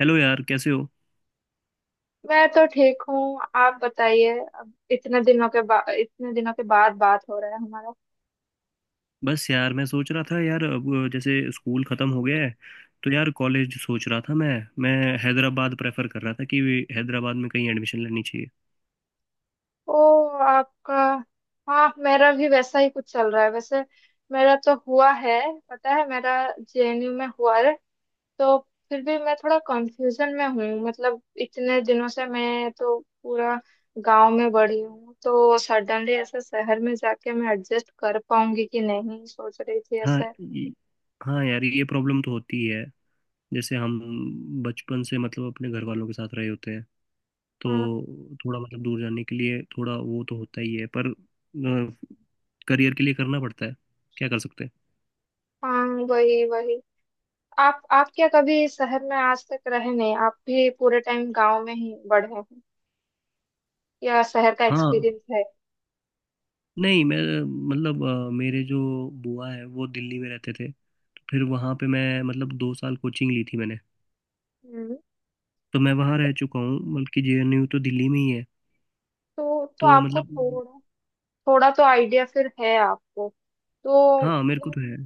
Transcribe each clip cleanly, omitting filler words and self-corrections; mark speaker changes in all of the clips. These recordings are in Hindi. Speaker 1: हेलो यार, कैसे हो।
Speaker 2: मैं तो ठीक हूँ। आप बताइए, अब इतने दिनों के बाद बात हो रहा है हमारा।
Speaker 1: बस यार, मैं सोच रहा था यार, अब जैसे स्कूल ख़त्म हो गया है तो यार कॉलेज सोच रहा था मैं। मैं हैदराबाद प्रेफर कर रहा था कि हैदराबाद में कहीं एडमिशन लेनी चाहिए।
Speaker 2: ओ, आपका। हाँ, मेरा भी वैसा ही कुछ चल रहा है वैसे। मेरा तो हुआ है। पता है, मेरा जेएनयू में हुआ है। तो फिर भी मैं थोड़ा कंफ्यूजन में हूँ, मतलब इतने दिनों से मैं तो पूरा गांव में बड़ी हूँ, तो सडनली ऐसे शहर में जाके मैं एडजस्ट कर पाऊंगी कि नहीं सोच रही थी
Speaker 1: हाँ
Speaker 2: ऐसे।
Speaker 1: ये- हाँ यार, ये प्रॉब्लम तो होती ही है। जैसे हम बचपन से मतलब अपने घर वालों के साथ रहे होते हैं, तो
Speaker 2: हाँ।
Speaker 1: थोड़ा मतलब दूर जाने के लिए थोड़ा वो तो होता ही है, पर करियर के लिए करना पड़ता है। क्या कर सकते हैं।
Speaker 2: हाँ, वही वही। आप क्या कभी शहर में आज तक रहे नहीं? आप भी पूरे टाइम गांव में ही बढ़े हैं या शहर का
Speaker 1: हाँ।
Speaker 2: एक्सपीरियंस है?
Speaker 1: नहीं, मैं मतलब मेरे जो बुआ है वो दिल्ली में रहते थे, तो फिर वहाँ पे मैं मतलब 2 साल कोचिंग ली थी मैंने।
Speaker 2: हम्म।
Speaker 1: तो मैं वहाँ रह चुका हूँ, बल्कि जेएनयू तो दिल्ली में ही है।
Speaker 2: तो
Speaker 1: तो
Speaker 2: आपको
Speaker 1: मतलब
Speaker 2: थोड़ा, थोड़ा तो आइडिया फिर है आपको। तो
Speaker 1: हाँ, मेरे को तो है।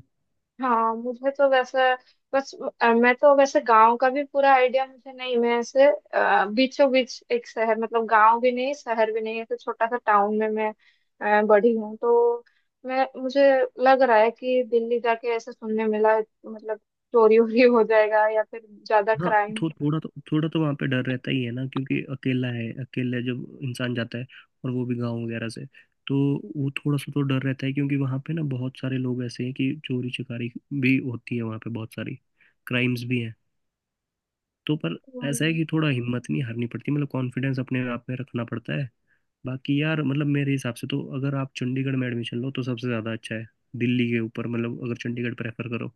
Speaker 2: हाँ, मुझे तो वैसे बस मैं तो वैसे गांव का भी पूरा आइडिया मुझे नहीं। मैं ऐसे बीचों बीच एक शहर, मतलब गांव भी नहीं शहर भी नहीं, ऐसे छोटा सा टाउन में मैं बड़ी हूँ। तो मैं मुझे लग रहा है कि दिल्ली जाके ऐसे सुनने मिला, मतलब चोरी वोरी हो जाएगा या फिर ज्यादा
Speaker 1: हाँ,
Speaker 2: क्राइम।
Speaker 1: थो, थोड़ा तो वहाँ पे डर रहता ही है ना, क्योंकि अकेला है, अकेले जब इंसान जाता है, और वो भी गाँव वगैरह से, तो वो थोड़ा सा तो डर रहता है, क्योंकि वहाँ पे ना बहुत सारे लोग ऐसे हैं कि चोरी चकारी भी होती है वहाँ पे बहुत सारी, क्राइम्स भी हैं। तो पर ऐसा है
Speaker 2: हम्म।
Speaker 1: कि थोड़ा हिम्मत नहीं हारनी पड़ती, मतलब कॉन्फिडेंस अपने आप में रखना पड़ता है। बाकी यार, मतलब मेरे हिसाब से तो अगर आप चंडीगढ़ में एडमिशन लो तो सबसे ज़्यादा अच्छा है दिल्ली के ऊपर, मतलब अगर चंडीगढ़ प्रेफर करो।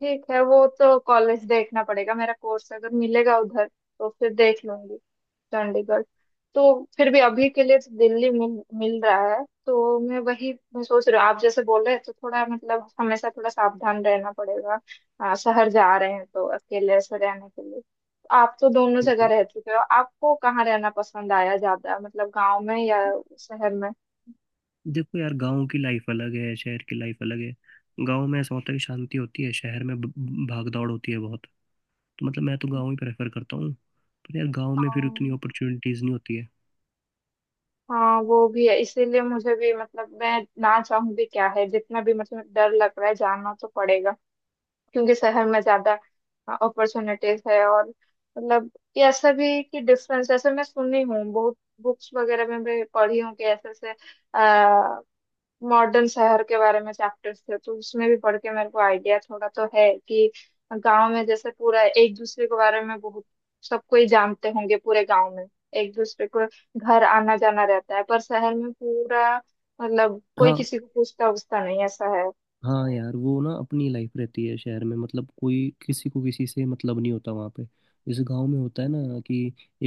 Speaker 2: ठीक है, वो तो कॉलेज देखना पड़ेगा। मेरा कोर्स अगर मिलेगा उधर, तो फिर देख लूंगी चंडीगढ़। तो फिर भी अभी के लिए तो दिल्ली मिल मिल रहा है, तो मैं वही मैं सोच रही हूँ। आप जैसे बोल रहे हैं तो थोड़ा, मतलब हमेशा थोड़ा सावधान रहना पड़ेगा। शहर जा रहे हैं तो अकेले से रहने के लिए। आप तो दोनों जगह रह चुके हो, आपको कहाँ रहना पसंद आया ज्यादा, मतलब गांव में या शहर में?
Speaker 1: देखो यार, गांव की लाइफ अलग है, शहर की लाइफ अलग है। गांव में ऐसा होता है कि शांति होती है, शहर में भाग दौड़ होती है बहुत। तो मतलब मैं तो गांव ही प्रेफर करता हूँ, पर यार गांव में फिर उतनी
Speaker 2: हाँ।
Speaker 1: अपॉर्चुनिटीज़ नहीं होती है।
Speaker 2: हाँ, वो भी है, इसीलिए मुझे भी, मतलब मैं ना चाहूँ भी क्या है, जितना भी, मतलब डर लग रहा है, जाना तो पड़ेगा क्योंकि शहर में ज्यादा अपॉर्चुनिटीज है। और, मतलब ये ऐसा भी है कि डिफरेंस ऐसे मैं सुनी हूँ, बहुत बुक्स वगैरह में भी पढ़ी हूँ कि ऐसे ऐसे मॉडर्न शहर के बारे में चैप्टर्स थे, तो उसमें भी पढ़ के मेरे को आइडिया थोड़ा तो है कि गांव में जैसे पूरा एक दूसरे के बारे में बहुत, सबको ही जानते होंगे पूरे गांव में, एक दूसरे को। घर आना जाना रहता है। पर शहर में पूरा, मतलब कोई
Speaker 1: हाँ।
Speaker 2: किसी को पूछता उछता नहीं, ऐसा है।
Speaker 1: हाँ यार, वो ना अपनी लाइफ रहती है शहर में, मतलब कोई किसी को किसी से मतलब नहीं होता वहाँ पे, जैसे गांव में होता है ना कि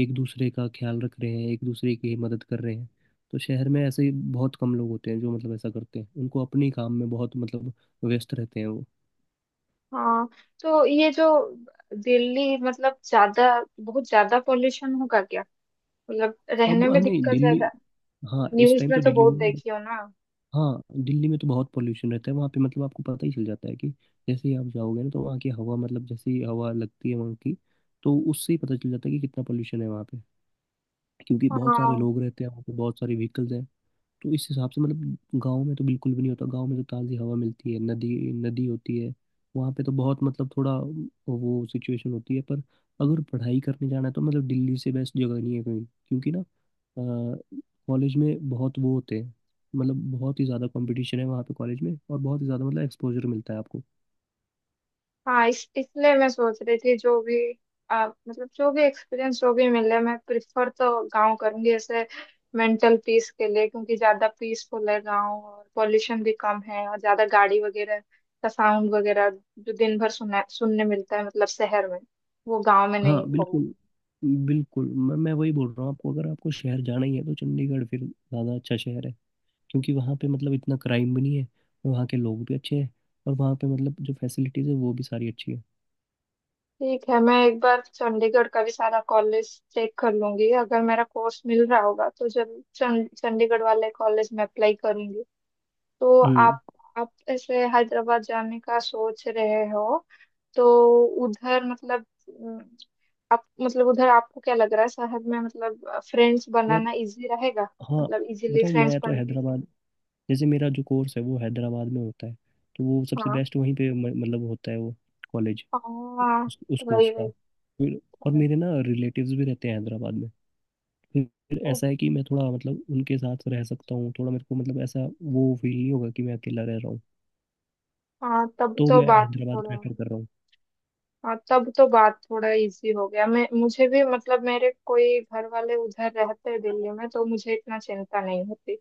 Speaker 1: एक दूसरे का ख्याल रख रहे हैं, एक दूसरे की मदद कर रहे हैं। तो शहर में ऐसे ही बहुत कम लोग होते हैं जो मतलब ऐसा करते हैं, उनको अपने काम में बहुत मतलब व्यस्त रहते हैं वो।
Speaker 2: हाँ। तो ये जो दिल्ली, मतलब ज्यादा, बहुत ज्यादा पॉल्यूशन होगा क्या? मतलब
Speaker 1: अब
Speaker 2: रहने में
Speaker 1: हाँ, नहीं।
Speaker 2: दिक्कत
Speaker 1: दिल्ली
Speaker 2: ज्यादा?
Speaker 1: हाँ, इस
Speaker 2: न्यूज
Speaker 1: टाइम
Speaker 2: में
Speaker 1: तो
Speaker 2: तो
Speaker 1: दिल्ली
Speaker 2: बहुत
Speaker 1: में।
Speaker 2: देखी हो ना।
Speaker 1: हाँ, दिल्ली में तो बहुत पोल्यूशन रहता है वहाँ पे, मतलब आपको पता ही चल जाता है कि जैसे ही आप जाओगे ना, तो वहाँ की हवा मतलब जैसी हवा लगती है वहाँ की, तो उससे ही पता चल जाता है कि कितना पोल्यूशन है वहाँ पे, क्योंकि बहुत सारे
Speaker 2: हाँ।
Speaker 1: लोग रहते हैं वहाँ पे, बहुत सारे व्हीकल्स हैं। तो इस हिसाब से मतलब गांव में तो बिल्कुल भी नहीं होता। गांव में तो ताज़ी हवा मिलती है, नदी नदी होती है वहाँ पे, तो बहुत मतलब थोड़ा वो सिचुएशन होती है। पर अगर पढ़ाई करने जाना है तो मतलब दिल्ली से बेस्ट जगह नहीं है कहीं, क्योंकि ना कॉलेज में बहुत वो होते हैं, मतलब बहुत ही ज़्यादा कंपटीशन है वहाँ पे कॉलेज में, और बहुत ही ज़्यादा मतलब एक्सपोजर मिलता है आपको।
Speaker 2: हाँ, इस इसलिए मैं सोच रही थी, जो भी मतलब जो भी एक्सपीरियंस जो भी मिले, मैं प्रिफर तो गांव करूंगी ऐसे, मेंटल पीस के लिए, क्योंकि ज्यादा पीसफुल है गांव और पॉल्यूशन भी कम है, और ज्यादा गाड़ी वगैरह का साउंड वगैरह जो दिन भर सुना सुनने मिलता है, मतलब शहर में, वो गांव में
Speaker 1: हाँ,
Speaker 2: नहीं होगा।
Speaker 1: बिल्कुल। बिल्कुल, मैं वही बोल रहा हूँ आपको, अगर आपको शहर जाना ही है तो चंडीगढ़ फिर ज़्यादा अच्छा शहर है, क्योंकि वहाँ पे मतलब इतना क्राइम भी नहीं है, और वहाँ के लोग भी अच्छे हैं, और वहाँ पे मतलब जो फैसिलिटीज़ है वो भी सारी अच्छी है।
Speaker 2: ठीक है, मैं एक बार चंडीगढ़ का भी सारा कॉलेज चेक कर लूंगी। अगर मेरा कोर्स मिल रहा होगा, तो जब चंडीगढ़ वाले कॉलेज में अप्लाई करूंगी। तो
Speaker 1: हम्म।
Speaker 2: आप ऐसे हैदराबाद जाने का सोच रहे हो? तो उधर, मतलब आप, मतलब उधर आपको क्या लग रहा है शहर में, मतलब फ्रेंड्स
Speaker 1: यार,
Speaker 2: बनाना इजी रहेगा?
Speaker 1: हाँ
Speaker 2: मतलब इजीली
Speaker 1: बताऊँ,
Speaker 2: फ्रेंड्स
Speaker 1: मैं तो
Speaker 2: बन।
Speaker 1: हैदराबाद, जैसे मेरा जो कोर्स है वो हैदराबाद में होता है। तो वो सबसे
Speaker 2: हाँ।
Speaker 1: बेस्ट वहीं पे मतलब होता है वो कॉलेज
Speaker 2: हाँ,
Speaker 1: उस
Speaker 2: वही
Speaker 1: कोर्स का
Speaker 2: वही।
Speaker 1: फिर। और
Speaker 2: समझ
Speaker 1: मेरे ना रिलेटिव्स भी रहते हैं हैदराबाद में। फिर
Speaker 2: गई।
Speaker 1: ऐसा है कि मैं थोड़ा मतलब उनके साथ रह सकता हूँ, थोड़ा मेरे को मतलब ऐसा वो फील नहीं होगा कि मैं अकेला रह रहा हूँ।
Speaker 2: हाँ, तब
Speaker 1: तो
Speaker 2: तो
Speaker 1: मैं
Speaker 2: बात हो
Speaker 1: हैदराबाद
Speaker 2: रहा।
Speaker 1: प्रेफर कर रहा हूँ।
Speaker 2: हाँ, तब तो बात थोड़ा इजी हो गया। मैं मुझे भी, मतलब मेरे कोई घर वाले उधर रहते हैं दिल्ली में तो मुझे इतना चिंता नहीं होती।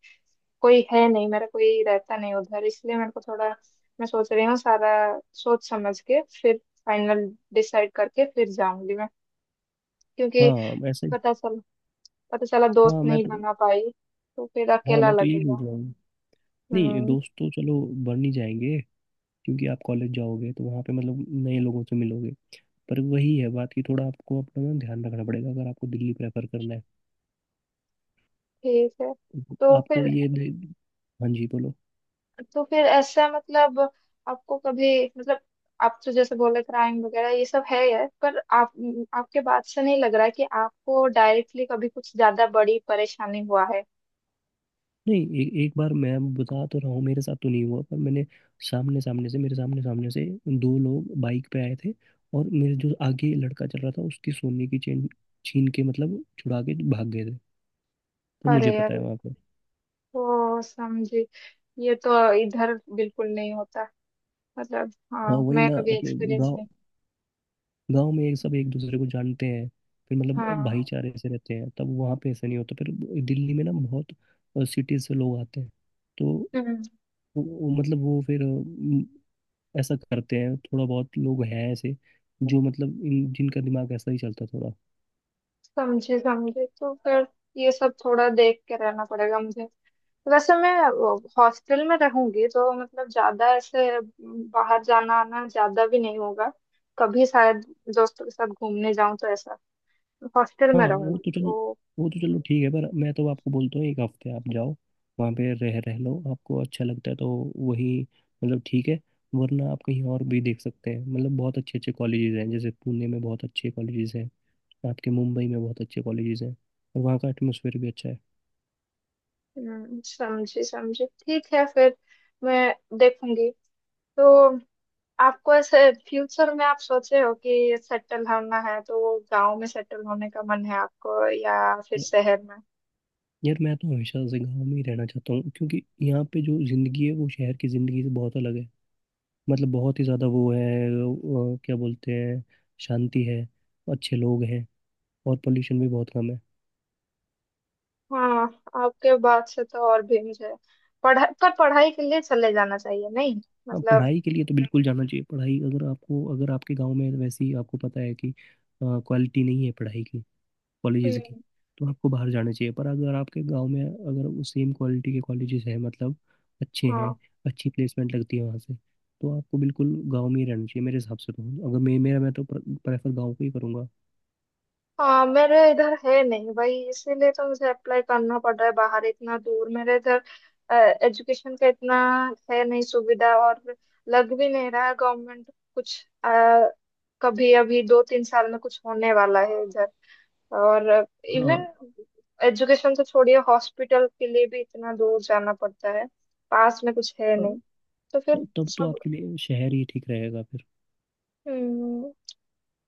Speaker 2: कोई है नहीं, मेरा कोई रहता नहीं उधर, इसलिए मेरे को थोड़ा, मैं सोच रही हूँ सारा सोच समझ के, फिर फाइनल डिसाइड करके फिर जाऊंगी मैं। क्योंकि
Speaker 1: हाँ, ऐसे।
Speaker 2: पता चल पता चला दोस्त
Speaker 1: हाँ, मैं
Speaker 2: नहीं
Speaker 1: तो।
Speaker 2: बना पाई तो फिर
Speaker 1: हाँ,
Speaker 2: अकेला
Speaker 1: मैं तो यही बोल
Speaker 2: लगेगा।
Speaker 1: रहा हूँ। नहीं,
Speaker 2: हम्म।
Speaker 1: दोस्त तो चलो बन ही जाएंगे, क्योंकि आप कॉलेज जाओगे तो वहाँ पे मतलब नए लोगों से मिलोगे। पर वही है बात कि थोड़ा आपको अपना ना ध्यान रखना पड़ेगा, अगर आपको दिल्ली प्रेफर करना है
Speaker 2: ठीक है।
Speaker 1: तो
Speaker 2: तो
Speaker 1: आपको
Speaker 2: फिर
Speaker 1: हाँ जी बोलो।
Speaker 2: तो फिर ऐसा, मतलब आपको कभी, मतलब आप तो जैसे बोले क्राइम वगैरह ये सब है यार, पर आप आपके बात से नहीं लग रहा है कि आपको डायरेक्टली कभी कुछ ज्यादा बड़ी परेशानी हुआ है।
Speaker 1: नहीं, एक बार मैं बता तो रहा हूँ, मेरे साथ तो नहीं हुआ पर मैंने सामने सामने से मेरे सामने सामने से दो लोग बाइक पे आए थे, और मेरे जो आगे लड़का चल रहा था उसकी सोने की चेन छीन के मतलब छुड़ा के भाग गए थे। तो मुझे
Speaker 2: अरे
Speaker 1: पता है
Speaker 2: अरे।
Speaker 1: वहाँ पे।
Speaker 2: तो समझी, ये तो इधर बिल्कुल नहीं होता, मतलब।
Speaker 1: हाँ,
Speaker 2: हाँ,
Speaker 1: वही
Speaker 2: मैं
Speaker 1: ना,
Speaker 2: कभी
Speaker 1: अपने
Speaker 2: एक्सपीरियंस
Speaker 1: गाँव
Speaker 2: नहीं।
Speaker 1: गांव में एक सब एक दूसरे को जानते हैं, फिर मतलब
Speaker 2: हाँ।
Speaker 1: भाईचारे से रहते हैं, तब वहाँ पे ऐसा नहीं होता फिर। दिल्ली में ना बहुत सिटीज से लोग आते हैं, तो वो मतलब वो फिर ऐसा करते हैं, थोड़ा बहुत लोग हैं ऐसे जो मतलब इन जिनका दिमाग ऐसा ही चलता है थोड़ा।
Speaker 2: समझे समझे। तो फिर ये सब थोड़ा देख के रहना पड़ेगा मुझे। वैसे मैं हॉस्टल में रहूंगी तो, मतलब ज्यादा ऐसे बाहर जाना आना ज्यादा भी नहीं होगा। कभी शायद दोस्तों के साथ घूमने जाऊं तो ऐसा। हॉस्टल
Speaker 1: हाँ,
Speaker 2: में
Speaker 1: वो
Speaker 2: रहूंगी
Speaker 1: तो चलो,
Speaker 2: तो।
Speaker 1: ठीक है, पर मैं तो आपको बोलता हूँ एक हफ्ते आप जाओ, वहाँ पे रह रह लो, आपको अच्छा लगता है तो वही मतलब ठीक है, वरना आप कहीं और भी देख सकते हैं, मतलब बहुत अच्छे अच्छे कॉलेजेस हैं, जैसे पुणे में बहुत अच्छे कॉलेजेस हैं, आपके मुंबई में बहुत अच्छे कॉलेजेस हैं, और वहाँ का एटमोसफेयर भी अच्छा है।
Speaker 2: हम्म। समझी समझी, ठीक है फिर। मैं देखूंगी। तो आपको ऐसे फ्यूचर में आप सोचे हो कि सेटल होना है, तो गांव में सेटल होने का मन है आपको या फिर
Speaker 1: य-
Speaker 2: शहर में?
Speaker 1: यार, मैं तो हमेशा से गाँव में ही रहना चाहता हूँ, क्योंकि यहाँ पे जो ज़िंदगी है वो शहर की ज़िंदगी से बहुत अलग है, मतलब बहुत ही ज़्यादा वो है, वो क्या बोलते हैं, शांति है, अच्छे लोग हैं, और पोल्यूशन भी बहुत कम है।
Speaker 2: हाँ, आपके बात से तो और भी मुझे पढ़ाई पर, पढ़ाई के लिए चले जाना चाहिए नहीं,
Speaker 1: हाँ,
Speaker 2: मतलब।
Speaker 1: पढ़ाई के लिए तो बिल्कुल जाना चाहिए। पढ़ाई अगर आपके गांव में वैसी आपको पता है कि क्वालिटी नहीं है पढ़ाई की, कॉलेजेस की,
Speaker 2: हम्म।
Speaker 1: तो आपको बाहर जाना चाहिए। पर अगर आपके गांव में अगर वो सेम क्वालिटी के कॉलेजेस हैं, मतलब अच्छे
Speaker 2: हाँ।
Speaker 1: हैं, अच्छी प्लेसमेंट लगती है वहाँ से, तो आपको बिल्कुल गांव में ही रहना चाहिए। मेरे हिसाब से तो अगर मे, मेरा मैं तो प्रेफर गांव को ही करूँगा।
Speaker 2: हाँ, मेरे इधर है नहीं भाई, इसीलिए तो मुझे अप्लाई करना पड़ रहा है बाहर इतना दूर। मेरे इधर एजुकेशन का इतना है नहीं सुविधा, और लग भी नहीं रहा है गवर्नमेंट कुछ अ, कभी अभी 2-3 साल में कुछ होने वाला है इधर, और
Speaker 1: हाँ।
Speaker 2: इवन एजुकेशन तो छोड़िए हॉस्पिटल के लिए भी इतना दूर जाना पड़ता है, पास में कुछ है
Speaker 1: अ,
Speaker 2: नहीं। तो फिर
Speaker 1: तब तो
Speaker 2: सब।
Speaker 1: आपके लिए शहर ही ठीक रहेगा फिर।
Speaker 2: हम्म।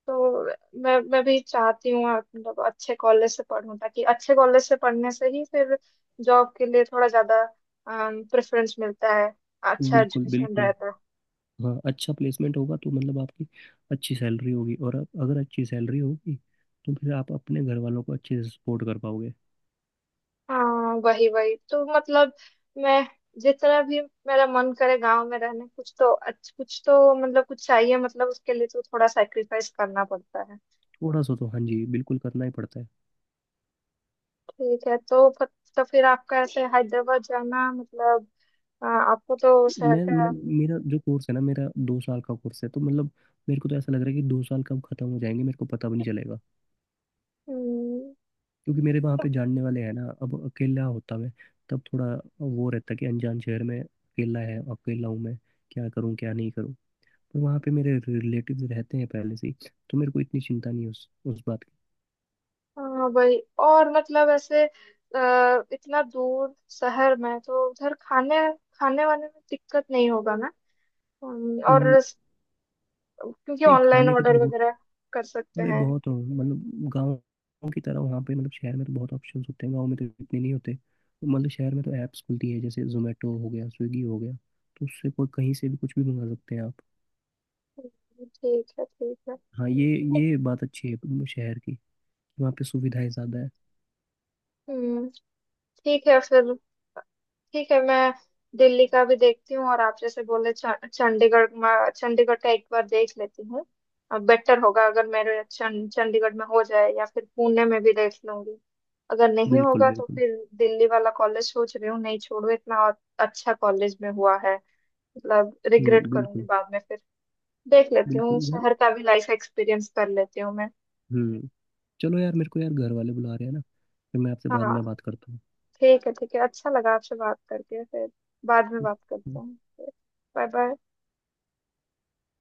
Speaker 2: तो मैं भी चाहती हूँ, मतलब अच्छे कॉलेज से पढूं, ताकि अच्छे कॉलेज से पढ़ने से ही फिर जॉब के लिए थोड़ा ज्यादा प्रेफरेंस मिलता है, अच्छा
Speaker 1: बिल्कुल,
Speaker 2: एजुकेशन
Speaker 1: बिल्कुल।
Speaker 2: रहता है।
Speaker 1: हाँ, अच्छा प्लेसमेंट होगा तो मतलब आपकी अच्छी सैलरी होगी, और अगर अच्छी सैलरी होगी तो फिर आप अपने घर वालों को अच्छे से सपोर्ट कर पाओगे।
Speaker 2: हाँ, वही वही। तो मतलब मैं, जितना भी मेरा मन करे गांव में रहने, कुछ तो कुछ तो, मतलब कुछ चाहिए, मतलब उसके लिए तो थोड़ा सैक्रिफाइस करना पड़ता है।
Speaker 1: थोड़ा सा तो हाँ जी, बिल्कुल करना ही पड़ता है।
Speaker 2: ठीक है, तो फिर आपका ऐसे हैदराबाद जाना, मतलब आ, आपको तो शहर
Speaker 1: मैं
Speaker 2: का।
Speaker 1: मेरा जो कोर्स है ना, मेरा 2 साल का कोर्स है, तो मतलब मेरे को तो ऐसा लग रहा है कि 2 साल कब खत्म हो जाएंगे मेरे को पता भी नहीं चलेगा,
Speaker 2: हम्म।
Speaker 1: क्योंकि मेरे वहाँ पे जानने वाले हैं ना। अब अकेला होता मैं, तब थोड़ा वो रहता कि अनजान शहर में अकेला है, अकेला हूँ मैं, क्या करूँ क्या नहीं करूँ। पर वहाँ पे मेरे रिलेटिव रहते हैं पहले से ही, तो मेरे को इतनी चिंता नहीं है उस बात की।
Speaker 2: हाँ, वही। और मतलब ऐसे इतना दूर शहर में तो उधर खाने खाने वाने में दिक्कत नहीं होगा ना? और
Speaker 1: उम,
Speaker 2: क्योंकि
Speaker 1: नहीं,
Speaker 2: ऑनलाइन
Speaker 1: खाने के
Speaker 2: ऑर्डर
Speaker 1: तो बहुत,
Speaker 2: वगैरह कर सकते
Speaker 1: अरे
Speaker 2: हैं।
Speaker 1: बहुत मतलब गाँव की तरह वहाँ पे, मतलब शहर में तो बहुत ऑप्शंस होते हैं, गाँव में तो इतने नहीं होते, तो मतलब शहर में तो ऐप्स खुलती है, जैसे जोमेटो हो गया, स्विगी हो गया, तो उससे कोई कहीं से भी कुछ भी मंगा सकते हैं आप।
Speaker 2: ठीक है, ठीक है।
Speaker 1: हाँ, ये बात अच्छी है शहर की, वहाँ पे सुविधाएं ज़्यादा है।
Speaker 2: हम्म। ठीक है फिर। ठीक है, मैं दिल्ली का भी देखती हूँ, और आप जैसे बोले चंडीगढ़ में, चंडीगढ़ का एक बार देख लेती हूँ। अब बेटर होगा अगर मेरे चंडीगढ़ में हो जाए, या फिर पुणे में भी देख लूंगी। अगर नहीं
Speaker 1: बिल्कुल,
Speaker 2: होगा तो
Speaker 1: बिल्कुल।
Speaker 2: फिर दिल्ली वाला कॉलेज सोच रही हूँ, नहीं, छोड़ो, इतना और अच्छा कॉलेज में हुआ है, मतलब रिग्रेट
Speaker 1: हम्म,
Speaker 2: करूंगी
Speaker 1: बिल्कुल।
Speaker 2: बाद में फिर। देख लेती हूँ
Speaker 1: बिल्कुल यार।
Speaker 2: शहर का भी लाइफ, एक्सपीरियंस कर लेती हूँ मैं।
Speaker 1: हम्म। चलो यार, मेरे को यार घर वाले बुला रहे हैं ना, फिर मैं आपसे बाद में
Speaker 2: हाँ।
Speaker 1: बात करता
Speaker 2: ठीक है, ठीक है, अच्छा लगा आपसे बात करके। फिर बाद में बात करते
Speaker 1: हूँ।
Speaker 2: हैं। Bye bye.